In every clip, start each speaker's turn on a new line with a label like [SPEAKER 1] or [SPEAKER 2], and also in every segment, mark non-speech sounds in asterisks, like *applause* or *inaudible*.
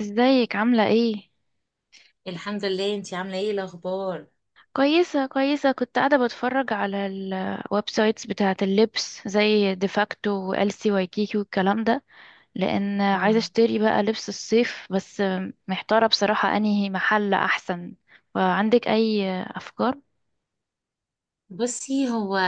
[SPEAKER 1] ازيك عاملة ايه؟
[SPEAKER 2] الحمد لله، انتي عامله ايه الاخبار؟
[SPEAKER 1] كويسة كويسة، كنت قاعدة بتفرج على الويب سايتس بتاعة اللبس زي ديفاكتو والسي وايكيكي والكلام ده. لأن عايزة
[SPEAKER 2] آه.
[SPEAKER 1] اشتري بقى لبس الصيف بس. محتارة بصراحة انهي محل أحسن. فعندك أي أفكار؟
[SPEAKER 2] بصي، هو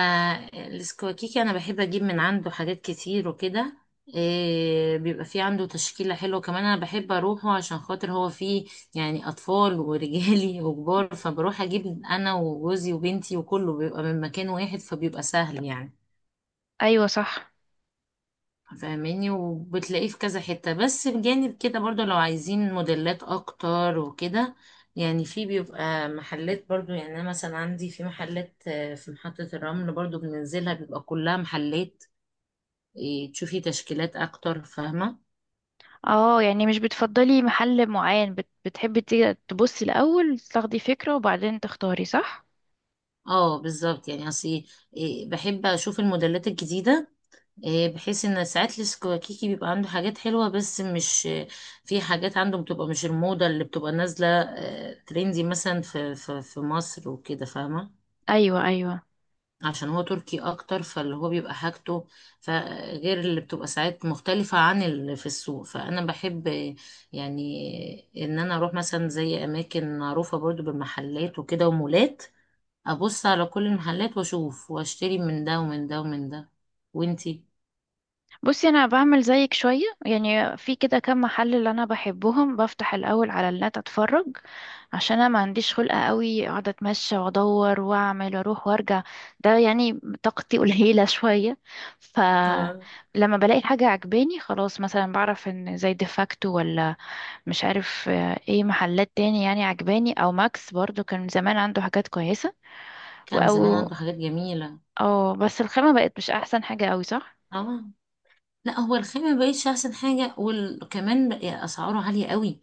[SPEAKER 2] السكواكيكي انا بحب اجيب من عنده حاجات كتير وكده. بيبقى في عنده تشكيله حلوه، كمان انا بحب اروحه عشان خاطر هو فيه يعني اطفال ورجالي *laughs* وكبار، فبروح اجيب انا وجوزي وبنتي وكله بيبقى من مكان واحد، فبيبقى سهل يعني،
[SPEAKER 1] أيوة صح.
[SPEAKER 2] فاهماني؟ وبتلاقيه في كذا حتة. بس بجانب كده برضو، لو عايزين موديلات اكتر وكده يعني، في بيبقى محلات برضو. يعني انا مثلا عندي في محلات في محطة الرمل برضو بننزلها، بيبقى كلها محلات تشوفي تشكيلات اكتر، فاهمة.
[SPEAKER 1] اه، يعني مش بتفضلي محل معين، بتحبي تيجي تبصي الأول تاخدي فكرة وبعدين تختاري صح؟
[SPEAKER 2] اه بالظبط، يعني اصل بحب اشوف الموديلات الجديدة. بحيث ان ساعات السكواكيكي بيبقى عنده حاجات حلوه بس مش، في حاجات عنده بتبقى مش الموضه اللي بتبقى نازله، ترندي مثلا في مصر وكده، فاهمه.
[SPEAKER 1] أيوة أيوة.
[SPEAKER 2] عشان هو تركي اكتر، فاللي هو بيبقى حاجته، فغير اللي بتبقى ساعات مختلفه عن اللي في السوق. فانا بحب ان انا اروح مثلا زي اماكن معروفه برضو بالمحلات وكده ومولات، ابص على كل المحلات واشوف واشتري من ده ومن ده ومن ده. وانتي؟
[SPEAKER 1] بصي، انا بعمل زيك شويه، يعني في كده كام محل اللي انا بحبهم بفتح الاول على النت اتفرج. عشان انا ما عنديش خلقه قوي اقعد اتمشى وادور واعمل واروح وارجع. ده يعني طاقتي *laughs* قليله شويه. فلما بلاقي حاجه عجباني خلاص مثلا بعرف ان زي ديفاكتو ولا مش عارف ايه محلات تاني يعني عجباني، او ماكس برضو كان زمان عنده حاجات كويسه.
[SPEAKER 2] كان زمان
[SPEAKER 1] او
[SPEAKER 2] عنده حاجات جميلة.
[SPEAKER 1] او بس الخامه بقت مش احسن حاجه قوي، صح؟
[SPEAKER 2] اه، لا هو الخامة مبقتش احسن حاجة، وكمان بقى اسعاره عالية قوي.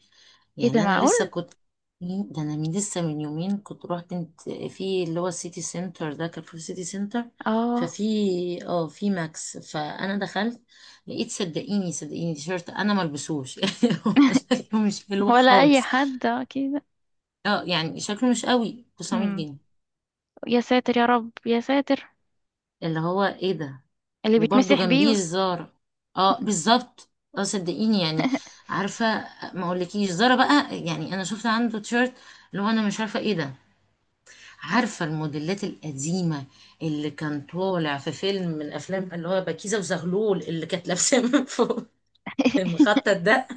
[SPEAKER 1] ايه ده،
[SPEAKER 2] يعني انا
[SPEAKER 1] معقول؟
[SPEAKER 2] لسه كنت، ده انا من لسه من يومين كنت رحت انت في اللي هو السيتي سنتر ده، كان في السيتي سنتر.
[SPEAKER 1] اه
[SPEAKER 2] ففي، اه في ماكس، فانا دخلت لقيت، صدقيني صدقيني تيشيرت انا ملبسوش *laughs* يعني. هو
[SPEAKER 1] *laughs*
[SPEAKER 2] شكله مش حلو
[SPEAKER 1] ولا اي
[SPEAKER 2] خالص.
[SPEAKER 1] حد كده.
[SPEAKER 2] اه يعني شكله مش قوي، 900
[SPEAKER 1] امم
[SPEAKER 2] جنيه
[SPEAKER 1] يا ساتر، يا رب، يا ساتر.
[SPEAKER 2] اللي هو ايه ده؟
[SPEAKER 1] اللي
[SPEAKER 2] وبرضو
[SPEAKER 1] بيتمسح
[SPEAKER 2] جنبيه
[SPEAKER 1] بيه.
[SPEAKER 2] الزارة. اه بالظبط. اه صدقيني يعني. عارفة، ما اقولكيش زارة بقى. يعني انا شفت عنده تيشيرت، اللي هو انا مش عارفة ايه ده. عارفة الموديلات القديمة اللي كان طالع في فيلم من افلام اللي هو بكيزة وزغلول، اللي كانت لابسة من فوق المخطط
[SPEAKER 1] *laughs*
[SPEAKER 2] ده.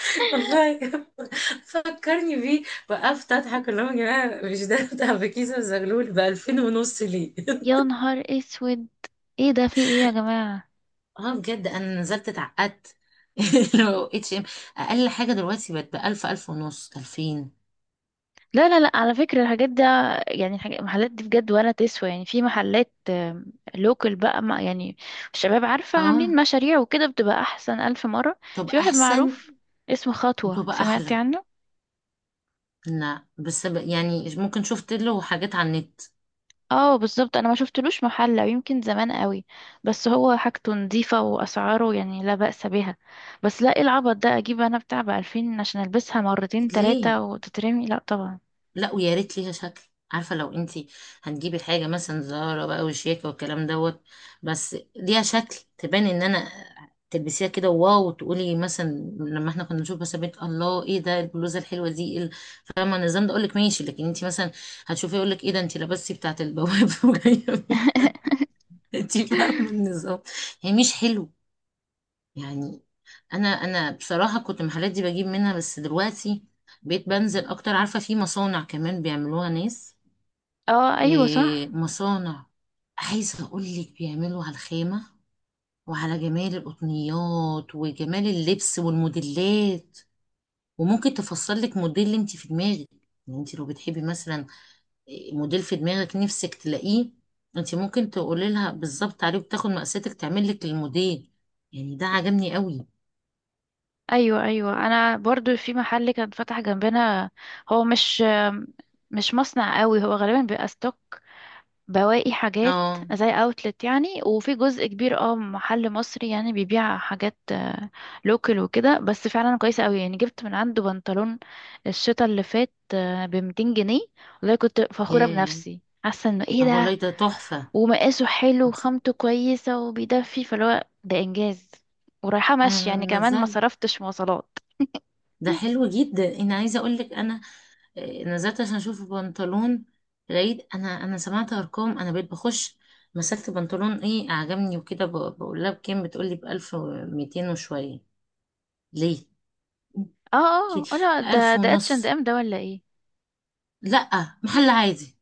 [SPEAKER 2] *laughs* والله فكرني بيه، وقفت اضحك. اللي هو يا جماعة، مش ده بتاع بكيزة وزغلول؟ ب 2000 ونص ليه؟
[SPEAKER 1] يا نهار اسود. ايه ده، في ايه يا جماعة؟
[SPEAKER 2] اه بجد انا نزلت اتعقدت. *laughs*
[SPEAKER 1] مم.
[SPEAKER 2] لو اتش ام، اقل حاجه دلوقتي بقت بألف، ألف ونص، ألفين.
[SPEAKER 1] لا لا لا، على فكرة الحاجات ده، يعني الحاجات المحلات دي بجد ولا تسوى، يعني في محلات لوكال بقى، ما يعني الشباب عارفة عاملين
[SPEAKER 2] اه
[SPEAKER 1] مشاريع وكده بتبقى أحسن ألف مرة. في
[SPEAKER 2] تبقى
[SPEAKER 1] واحد
[SPEAKER 2] احسن،
[SPEAKER 1] معروف اسمه خطوة،
[SPEAKER 2] وتبقى
[SPEAKER 1] سمعتي
[SPEAKER 2] احلى.
[SPEAKER 1] عنه؟
[SPEAKER 2] لا بس يعني ممكن شفت له حاجات على النت.
[SPEAKER 1] اه بالظبط، انا ما شفتلوش محل او يمكن زمان قوي. بس هو حاجته نظيفة واسعاره يعني لا بأس بها. بس لا، ايه العبط ده، اجيب انا بتاع ب2000 عشان البسها مرتين تلاتة
[SPEAKER 2] ليه؟
[SPEAKER 1] وتترمي؟ لا طبعا.
[SPEAKER 2] لا ويا ريت ليها شكل. عارفه، لو انتي هتجيبي حاجه مثلا زهره بقى وشياكه والكلام دوت، بس ليها شكل تبان ان انا تلبسيها كده واو، وتقولي مثلا، لما احنا كنا نشوف مثلا بنت، الله ايه ده البلوزه الحلوه دي؟ فاهمه النظام ده؟ اقول لك ماشي. لكن انتي مثلا هتشوفي، يقول لك ايه ده انتي لبستي بتاعه البواب *laughs* وجايه بيه.
[SPEAKER 1] *laughs*
[SPEAKER 2] انتي فاهمه النظام، هي مش حلو يعني. انا بصراحه كنت المحلات دي بجيب منها، بس دلوقتي بقيت بنزل اكتر. عارفه، في مصانع كمان بيعملوها ناس،
[SPEAKER 1] اه ايوه صح.
[SPEAKER 2] مصانع. عايزة أقولك، بيعملوا على الخامة وعلى جمال القطنيات وجمال اللبس والموديلات، وممكن تفصلك موديل انت في دماغك. يعني انت لو بتحبي مثلا موديل في دماغك نفسك تلاقيه، انت ممكن تقولي لها بالظبط عليه وتاخد مقاساتك، تعمل لك الموديل. يعني ده عجبني قوي.
[SPEAKER 1] ايوه ايوه، انا برضو في محل كان فتح جنبنا. هو مش مصنع قوي، هو غالبا بيبقى ستوك، بواقي حاجات،
[SPEAKER 2] اه.
[SPEAKER 1] زي اوتلت يعني. وفي جزء كبير محل مصري يعني بيبيع حاجات لوكال وكده، بس فعلا كويسه قوي، يعني جبت من عنده بنطلون الشتا اللي فات ب 200 جنيه. والله كنت فخوره
[SPEAKER 2] ياه،
[SPEAKER 1] بنفسي، حاسه انه ايه
[SPEAKER 2] اه
[SPEAKER 1] ده.
[SPEAKER 2] والله ده تحفة.
[SPEAKER 1] ومقاسه حلو
[SPEAKER 2] انت-
[SPEAKER 1] وخامته كويسه وبيدفي، فاللي هو ده انجاز. ورايحه مشي
[SPEAKER 2] انا
[SPEAKER 1] يعني كمان ما
[SPEAKER 2] نزلت،
[SPEAKER 1] صرفتش مواصلات.
[SPEAKER 2] ده
[SPEAKER 1] *laughs*
[SPEAKER 2] حلو جدا، انا عايزة اقولك انا نزلت عشان اشوف بنطلون. لقيت، انا سمعت ارقام انا بقيت بخش. مسكت بنطلون ايه عجبني وكده، بقول لها بكام؟ بتقولي بألف وميتين وشوية. ليه؟
[SPEAKER 1] اه
[SPEAKER 2] ليه؟
[SPEAKER 1] اه لا، ده
[SPEAKER 2] ألف
[SPEAKER 1] ده اتش اند
[SPEAKER 2] ونص؟
[SPEAKER 1] ام، ده ولا ايه؟
[SPEAKER 2] لأ محل عادي.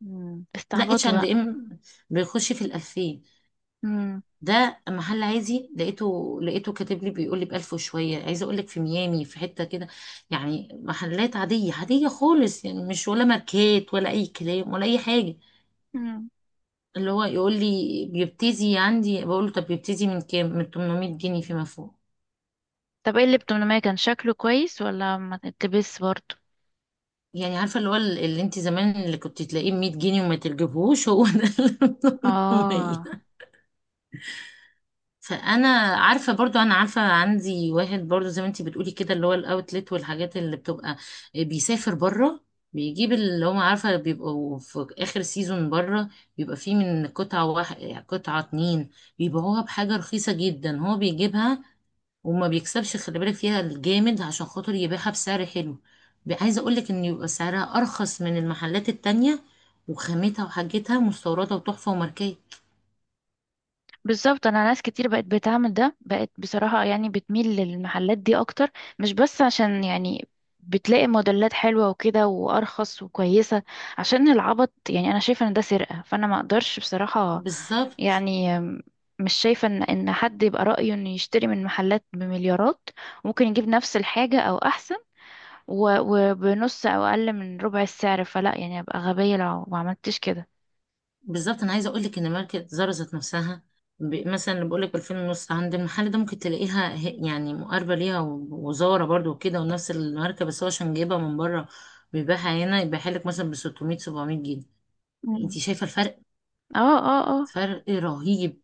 [SPEAKER 2] لا اتش
[SPEAKER 1] استعبطوا
[SPEAKER 2] اند
[SPEAKER 1] بقى.
[SPEAKER 2] ام بيخش في الألفين، ده محل عادي. لقيته كاتب لي، بيقول لي بألف وشوية. عايزة أقول لك، في ميامي في حتة كده، يعني محلات عادية عادية خالص، يعني مش ولا ماركات ولا أي كلام ولا أي حاجة،
[SPEAKER 1] مم.
[SPEAKER 2] اللي هو يقول لي بيبتدي عندي. بقول له طب بيبتدي من كام؟ من 800 جنيه فيما فوق.
[SPEAKER 1] طب، ايه اللي بتمنى؟ كان شكله كويس ولا ما تلبس برضه؟
[SPEAKER 2] يعني عارفه اللي هو اللي انت زمان اللي كنت تلاقيه ب 100 جنيه وما تجيبهوش، هو ده اللي *laughs* ب 800.
[SPEAKER 1] اه
[SPEAKER 2] فانا عارفه برضو، انا عارفه عندي واحد برضو زي ما انت بتقولي كده، اللي هو الاوتلت، والحاجات اللي بتبقى، بيسافر بره، بيجيب اللي هم عارفه بيبقوا في اخر سيزون بره، بيبقى فيه من قطعه واحد، قطعه اتنين، بيبيعوها بحاجه رخيصه جدا. هو بيجيبها وما بيكسبش، خلي بالك فيها، الجامد، عشان خاطر يبيعها بسعر حلو. عايزه اقول لك ان يبقى سعرها ارخص من المحلات التانية، وخامتها وحاجتها مستورده وتحفه وماركات.
[SPEAKER 1] بالظبط، انا ناس كتير بقت بتعمل ده، بقت بصراحة يعني بتميل للمحلات دي اكتر. مش بس عشان يعني بتلاقي موديلات حلوة وكده وارخص وكويسة، عشان العبط يعني. انا شايفة ان ده سرقة، فانا ما اقدرش بصراحة
[SPEAKER 2] بالظبط.
[SPEAKER 1] يعني. مش شايفة ان حد يبقى رأيه انه يشتري من محلات بمليارات، ممكن يجيب نفس الحاجة او احسن، وبنص او اقل من ربع السعر. فلا يعني، ابقى غبية لو ما عملتش كده.
[SPEAKER 2] بالظبط، انا عايزه اقول لك ان ماركه زارا ذات نفسها، مثلا اللي بقول لك ب 2000 ونص عند المحل ده، ممكن تلاقيها يعني مقاربه ليها، وزاره برضو وكده، ونفس الماركه. بس هو عشان جايبها من بره، بيبيعها هنا، يبيعها لك مثلا ب 600 700 جنيه.
[SPEAKER 1] مم.
[SPEAKER 2] انت شايفه الفرق؟
[SPEAKER 1] اه اه اه.
[SPEAKER 2] فرق رهيب.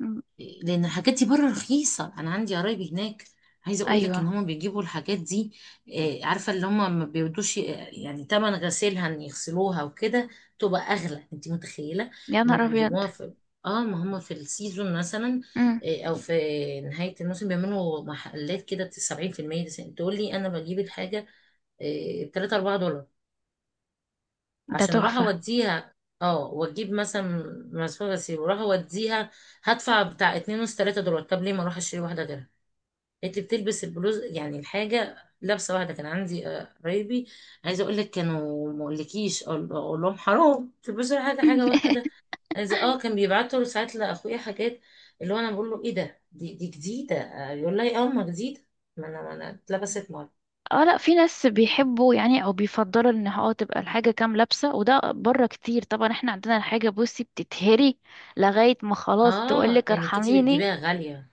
[SPEAKER 1] مم.
[SPEAKER 2] لان الحاجات دي بره رخيصه. انا عندي قرايبي هناك، عايزه اقول لك ان
[SPEAKER 1] ايوه.
[SPEAKER 2] هم بيجيبوا الحاجات دي، عارفه اللي هم ما بيودوش، يعني تمن غسيلها، ان يغسلوها وكده تبقى اغلى، انت متخيله؟
[SPEAKER 1] يا
[SPEAKER 2] ما
[SPEAKER 1] نهار ابيض.
[SPEAKER 2] بيجيبوها في، اه ما هم في السيزون مثلا،
[SPEAKER 1] مم.
[SPEAKER 2] او في نهايه الموسم، بيعملوا محلات كده 70%. تقول لي انا بجيب الحاجه 3 4 دولار
[SPEAKER 1] ده
[SPEAKER 2] عشان اروح
[SPEAKER 1] تحفة.
[SPEAKER 2] اوديها. اه واجيب مثلا مسافه غسيل واروح اوديها، هدفع بتاع اتنين ونص تلاتة دولار. طب ليه ما اروح اشتري واحده غيرها؟ انت بتلبس البلوز، يعني الحاجه، لابسه واحده. كان عندي قرايبي، عايزه اقول لك، كانوا ما اقولكيش، أقول لهم حرام تلبسوا حاجه، حاجه
[SPEAKER 1] *clears throat*
[SPEAKER 2] واحده. عايزه اه، كان بيبعتوا ساعات لاخويا حاجات، اللي هو انا بقول له ايه ده؟ دي جديده؟ يقول لي اه ما جديده، ما انا اتلبست مره.
[SPEAKER 1] اه لا، في ناس بيحبوا يعني او بيفضلوا ان تبقى الحاجة كام لابسة، وده بره كتير طبعا. احنا عندنا الحاجة بصي بتتهري لغاية ما خلاص
[SPEAKER 2] اه
[SPEAKER 1] تقولك
[SPEAKER 2] لانك انت
[SPEAKER 1] ارحميني.
[SPEAKER 2] بتجيبيها غاليه،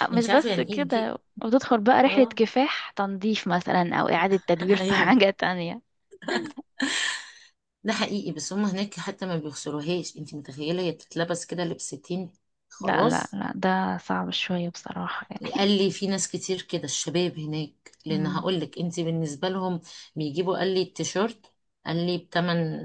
[SPEAKER 1] اه مش
[SPEAKER 2] انت عارفه
[SPEAKER 1] بس
[SPEAKER 2] يعني ايه تجيب.
[SPEAKER 1] كده، وتدخل بقى رحلة
[SPEAKER 2] اه
[SPEAKER 1] كفاح تنظيف مثلا او اعادة
[SPEAKER 2] *laughs*
[SPEAKER 1] تدوير في *laughs*
[SPEAKER 2] ايوه
[SPEAKER 1] حاجة تانية.
[SPEAKER 2] ده حقيقي. بس هم هناك حتى ما بيغسلوهاش، انت متخيله؟ هي بتتلبس كده لبستين
[SPEAKER 1] لا لا
[SPEAKER 2] خلاص.
[SPEAKER 1] لا، ده صعب شوية بصراحة يعني.
[SPEAKER 2] قال لي في ناس كتير كده، الشباب هناك، لان
[SPEAKER 1] مم.
[SPEAKER 2] هقول لك انت بالنسبه لهم، بيجيبوا قال لي التيشيرت، قال لي بتمن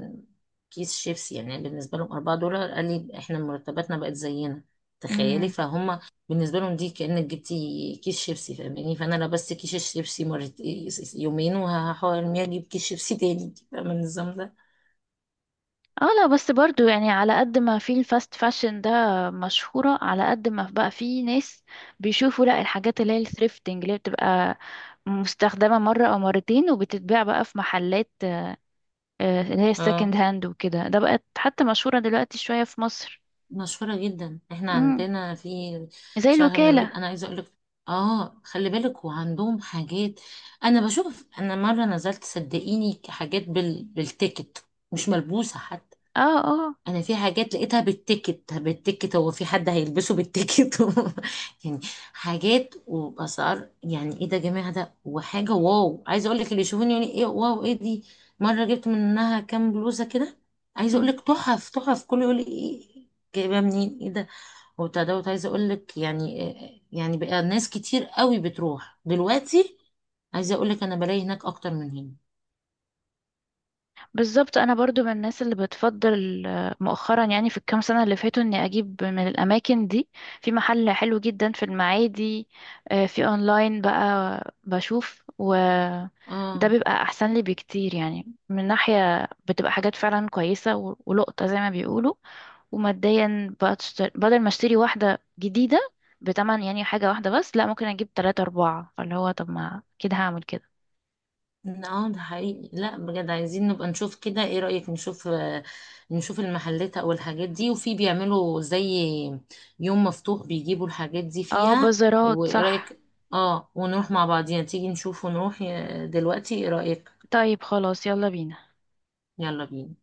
[SPEAKER 2] كيس شيبسي. يعني بالنسبه لهم 4 دولار، قال لي احنا مرتباتنا بقت زينا، تخيلي.
[SPEAKER 1] مم.
[SPEAKER 2] فهم بالنسبه لهم دي كانك جبتي كيس شيبسي، فاهماني؟ فانا لبست كيس الشيبسي مرت يومين، وهحاول ارميه اجيب كيس شيبسي تاني. فاهمه النظام ده؟
[SPEAKER 1] اه لا، بس برضو يعني على قد ما في الفاست فاشن ده مشهورة، على قد ما بقى في ناس بيشوفوا لا، الحاجات اللي هي الثريفتنج، اللي هي بتبقى مستخدمة مرة أو مرتين وبتتباع بقى في محلات، اللي هي السكند
[SPEAKER 2] اه
[SPEAKER 1] هاند وكده، ده بقت حتى مشهورة دلوقتي شوية في مصر.
[SPEAKER 2] مشهورة جدا، احنا
[SPEAKER 1] مم.
[SPEAKER 2] عندنا في
[SPEAKER 1] زي
[SPEAKER 2] شهر من العيد.
[SPEAKER 1] الوكالة.
[SPEAKER 2] انا عايزة اقولك، اه خلي بالك، وعندهم حاجات. انا بشوف، انا مرة نزلت صدقيني حاجات بالتيكت، مش ملبوسة حتى.
[SPEAKER 1] اه
[SPEAKER 2] انا في حاجات لقيتها بالتيكت. بالتيكت، هو في حد هيلبسه بالتيكت؟ *laughs* يعني حاجات وبأسعار، يعني ايه ده يا جماعه؟ ده وحاجه واو، عايزه اقول لك اللي يشوفوني يقول ايه واو، ايه دي؟ مره جبت منها كام بلوزه كده، عايزه اقول
[SPEAKER 1] اه
[SPEAKER 2] لك تحف تحف، كله يقول لي ايه، جايبها منين؟ ايه ده؟ وبتاع دوت، عايزه اقول لك يعني، يعني بقى ناس كتير قوي بتروح دلوقتي. عايزه اقول لك انا بلاقي هناك اكتر من هنا.
[SPEAKER 1] بالظبط، انا برضو من الناس اللي بتفضل مؤخرا يعني في الكام سنه اللي فاتوا اني اجيب من الاماكن دي. في محل حلو جدا في المعادي. في اونلاين بقى بشوف، وده
[SPEAKER 2] اه.
[SPEAKER 1] بيبقى احسن لي بكتير يعني. من ناحيه بتبقى حاجات فعلا كويسه ولقطه زي ما بيقولوا. وماديا بقى تشتري بدل ما اشتري واحده جديده بتمن، يعني حاجه واحده بس لا، ممكن اجيب تلاتة اربعة، فاللي هو طب، ما كده هعمل كده.
[SPEAKER 2] اه ده حقيقي. لا بجد عايزين نبقى نشوف كده، ايه رأيك نشوف نشوف المحلات او الحاجات دي، وفي بيعملوا زي يوم مفتوح بيجيبوا الحاجات دي
[SPEAKER 1] اه
[SPEAKER 2] فيها،
[SPEAKER 1] بازارات
[SPEAKER 2] وايه
[SPEAKER 1] صح.
[SPEAKER 2] رأيك؟ اه، ونروح مع بعضينا. تيجي نشوف ونروح دلوقتي، ايه رأيك؟
[SPEAKER 1] طيب خلاص، يلا بينا.
[SPEAKER 2] يلا بينا.